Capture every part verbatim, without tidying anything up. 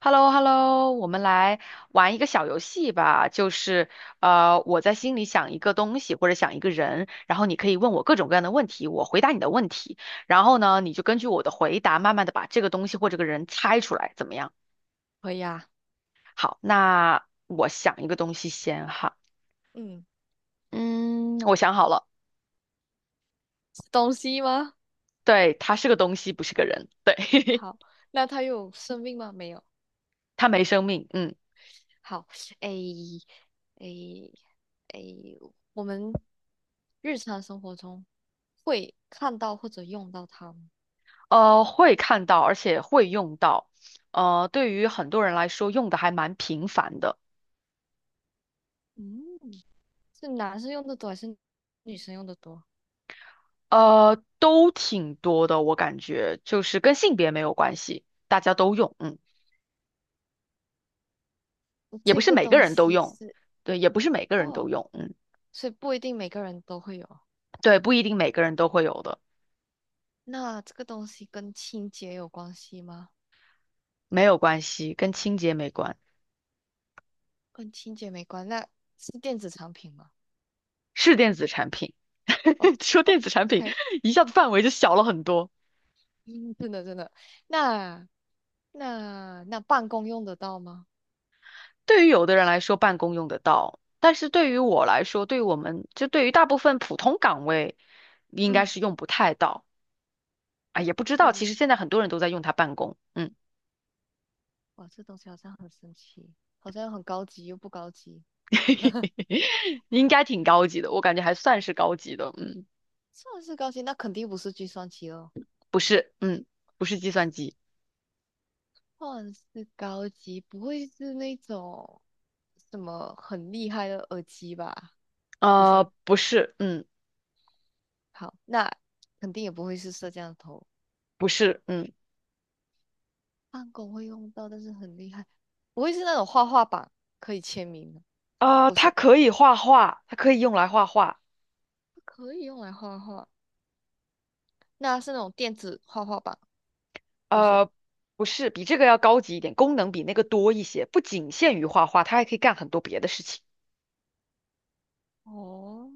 h e l l o h e l l o 我们来玩一个小游戏吧，就是呃，我在心里想一个东西或者想一个人，然后你可以问我各种各样的问题，我回答你的问题，然后呢，你就根据我的回答，慢慢的把这个东西或这个人猜出来，怎么样？可以啊。好，那我想一个东西先哈，嗯，嗯，我想好了，是东西吗？对，它是个东西，不是个人，对，好，那它有生命吗？没有。它没生命，嗯，好。诶，诶，诶，我们日常生活中会看到或者用到它吗？呃，会看到，而且会用到，呃，对于很多人来说，用的还蛮频繁的。嗯，是男生用的多还是女生用的多？呃，都挺多的，我感觉就是跟性别没有关系，大家都用，嗯，也不这是个每个东人都西用，是。对，也不是每个人都哦，用，嗯，所以不一定每个人都会有。对，不一定每个人都会有的，那这个东西跟清洁有关系吗？没有关系，跟清洁没关，跟清洁没关，那是电子产品吗？是电子产品。哦 说哦电子产品，，OK。一下子范围就小了很多。嗯，真的真的。那那那办公用得到吗？对于有的人来说，办公用得到，但是对于我来说，对于我们就对于大部分普通岗位，应该嗯。是用不太到啊，也不知道，不。其实现在很多人都在用它办公，嗯。哇，这东西好像很神奇，好像又很高级又不高级。应该挺高级的，我感觉还算是高级的，嗯，算是高级，那肯定不是计算机了。不是，嗯，不是计算机，算是高级，不会是那种什么很厉害的耳机吧？不是。呃，不是，嗯，好，那肯定也不会是摄像头。不是，嗯，办公会用到，但是很厉害，不会是那种画画板可以签名的。呃，不它是，可以画画，它可以用来画画，可以用来画画。那是那种电子画画板，不是。呃，不是，比这个要高级一点，功能比那个多一些，不仅限于画画，它还可以干很多别的事情，哦，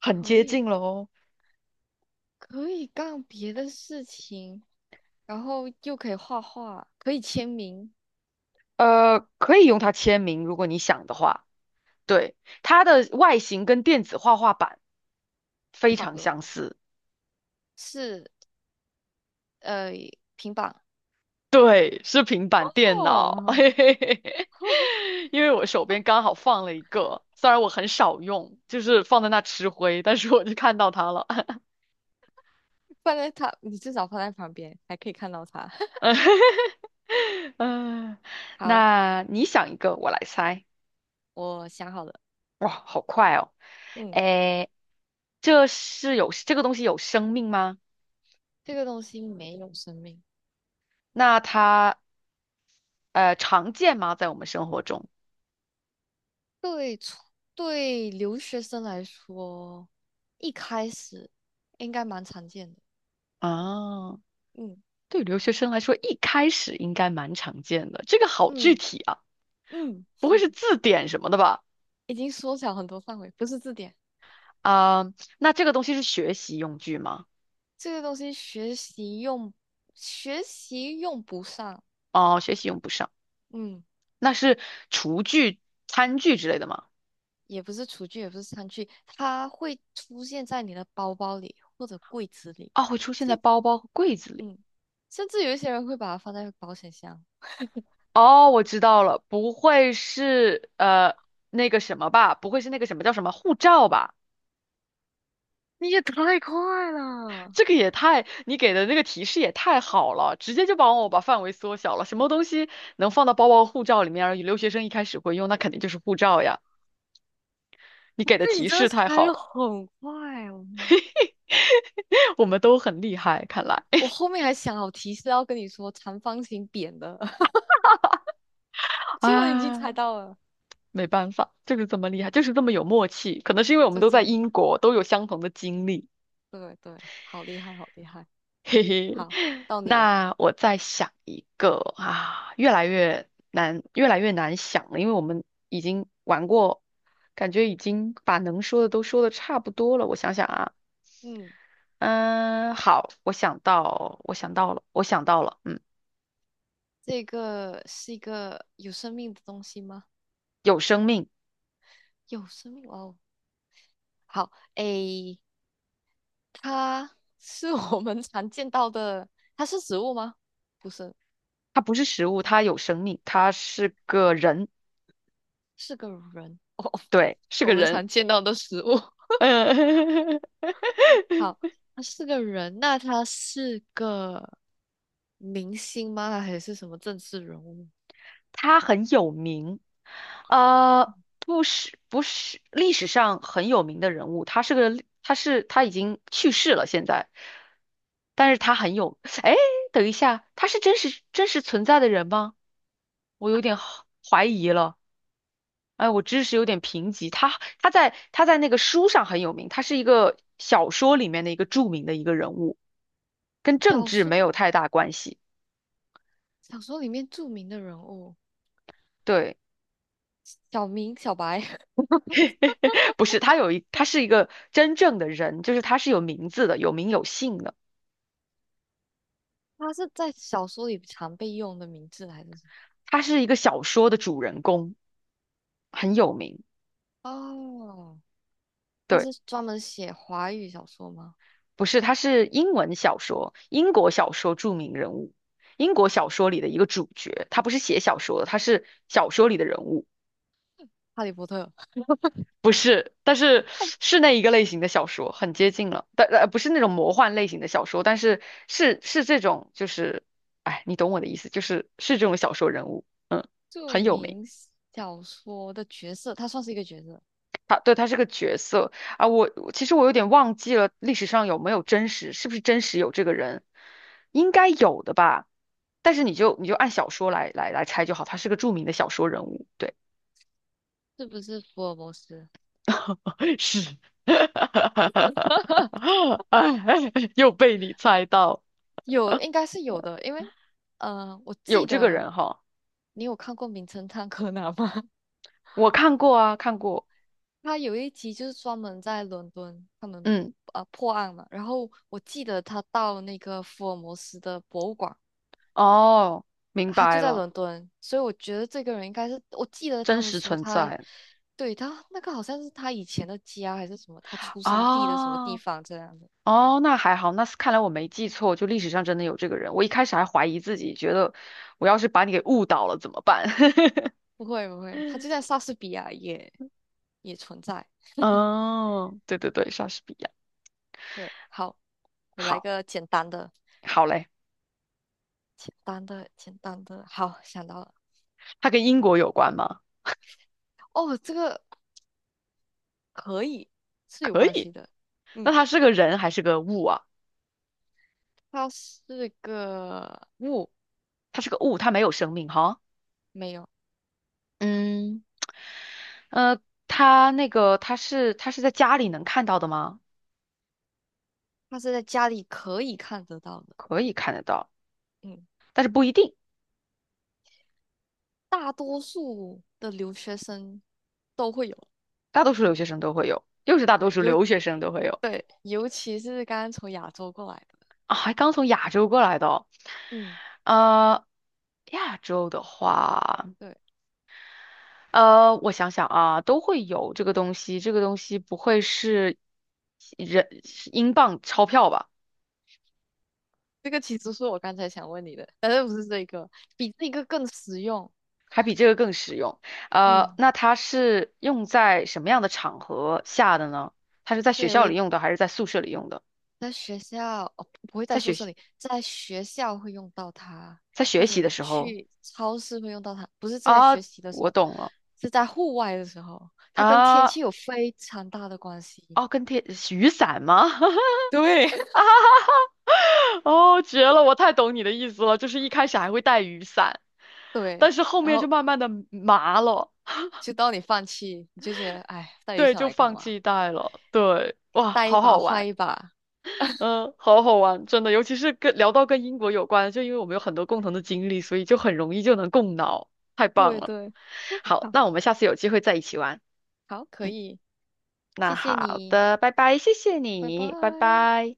很可接以近喽，可以干别的事情，然后又可以画画，可以签名。呃，可以用它签名，如果你想的话，对，它的外形跟电子画画板非差不常多。相似。是呃平板。对，是平板电脑，哦，嘿嘿嘿嘿，因为我手边刚好放了一个，虽然我很少用，就是放在那吃灰，但是我就看到它了。放在它，你至少放在旁边，还可以看到它。嗯，嗯，好，那你想一个，我来猜。我想好了。哇，好快哦！嗯，诶，这是有这个东西有生命吗？这个东西没有生命。那它呃常见吗？在我们生活中对初对留学生来说，一开始应该蛮常见的。啊，嗯对留学生来说，一开始应该蛮常见的。这个好具嗯体啊。嗯，不会是 字典什么的吧？已经缩小很多范围，不是字典。啊、那这个东西是学习用具吗？这个东西学习用，学习用不上。哦，学习对。用不上，嗯，那是厨具、餐具之类的吗？也不是厨具，也不是餐具，它会出现在你的包包里或者柜子里，啊、会出现在甚，包包和柜子里。嗯，甚至有一些人会把它放在保险箱。哦，我知道了，不会是呃那个什么吧？不会是那个什么叫什么护照吧？你也太快了！这个也太，你给的那个提示也太好了，直接就帮我把范围缩小了。什么东西能放到包包、护照里面，而留学生一开始会用，那肯定就是护照呀。你不给的是，你提真的示太猜好的了，很快哦。我们都很厉害，看来。我后面还想好提示要跟你说长方形扁的，结果你已经猜啊，到了。没办法，就是这么厉害，就是这么有默契。可能是因为我们这都在真英国，都有相同的经历。对对，好厉害，好厉害。嘿嘿，好，到 你了。那我再想一个啊，越来越难，越来越难想了，因为我们已经玩过，感觉已经把能说的都说的差不多了。我想想啊，嗯，嗯，好，我想到，我想到了，我想到了，嗯，这个是一个有生命的东西吗？有生命，有生命哦。好，诶，它是我们常见到的，它是植物吗？不是，它不是食物，它有生命，它是个人，是个人哦。对，是我个们人，常见到的食物。嗯。好，它是个人，那他是个明星吗？还是什么政治人物？他很有名，呃，不是不是历史上很有名的人物，他是个历他是他已经去世了现在，但是他很有，哎，等一下，他是真实真实存在的人吗？我有点好怀疑了，哎，我知识有点贫瘠，他他在他在那个书上很有名，他是一个小说里面的一个著名的一个人物，跟政小治说，没有太大关系，小说里面著名的人物，对。小明、小白。不是，他有一，他是一个真正的人，就是他是有名字的，有名有姓的。他是在小说里常被用的名字，还是？他是一个小说的主人公，很有名。哦，他对，是专门写华语小说吗？不是，他是英文小说，英国小说著名人物，英国小说里的一个主角。他不是写小说的，他是小说里的人物，《哈利波特》。不是，但是是那一个类型的小说，很接近了。但呃，不是那种魔幻类型的小说，但是是是这种，就是，哎，你懂我的意思，就是是这种小说人物，嗯，著很有名。名小说的角色，他算是一个角色，他，对，他是个角色啊，我我其实我有点忘记了历史上有没有真实，是不是真实有这个人，应该有的吧。但是你就你就按小说来来来猜就好，他是个著名的小说人物，对，是不是福尔摩斯？是，哎，又被你猜到，有，应该是有的，因为呃，我有记这个得，人哈，你有看过《名侦探柯南》吗？我看过啊，看过，他有一集就是专门在伦敦，他们嗯，呃破案嘛，然后我记得他到那个福尔摩斯的博物馆，哦，明他就白在了，伦敦，所以我觉得这个人应该是，我记得他真们实说存他，在对，他那个好像是他以前的家还是什么，他出生地的什么地啊。方这样的。哦，那还好，那是看来我没记错，就历史上真的有这个人。我一开始还怀疑自己，觉得我要是把你给误导了怎么办？不会不会，他就在莎士比亚也也存在。哦，对对对，莎士比亚。对，好，我来好，个简单的，好嘞，简单的，简单的。好，想到了。他跟英国有关吗？哦，这个可以是有可关以。系的。那嗯，他是个人还是个物啊？它是个物。他是个物，他没有生命哈。没有，嗯，呃，他那个他是他是在家里能看到的吗？它是在家里可以看得到的。可以看得到，嗯。但是不一定，大多数的留学生都会有。大多数留学生都会有，又是大多对，数尤留学生都会有。对，尤其是刚刚从亚洲过来的。啊，还刚从亚洲过来的哦，嗯，呃，亚洲的话，对，呃，我想想啊，都会有这个东西。这个东西不会是人是英镑钞票吧？这个其实是我刚才想问你的，但是不是这个，比这个更实用。还比这个更实用。呃，嗯，那它是用在什么样的场合下的呢？它是在学对，我校里会用的，还是在宿舍里用的？在学校，哦，不会在在宿学舍习，里，在学校会用到它，在或学者习的你时候去超市会用到它，不是在啊，学习的时我候，懂了是在户外的时候，它跟天啊，气有非常大的关系。哦，跟天雨伞吗？对。哦，绝了！我太懂你的意思了，就是一开始还会带雨伞，对。但是后然面就后慢慢的麻了，就当你放弃，你就觉得哎，带雨对，伞就来干放嘛？弃带了。对，哇，带一好把好坏玩，一把。嗯，好好玩，真的，尤其是跟聊到跟英国有关，就因为我们有很多共同的经历，所以就很容易就能共脑，太棒对了。对，好，好，那我们下次有机会再一起玩。好，可嗯，以，谢那谢好你，的，拜拜，谢谢拜你，拜拜。拜。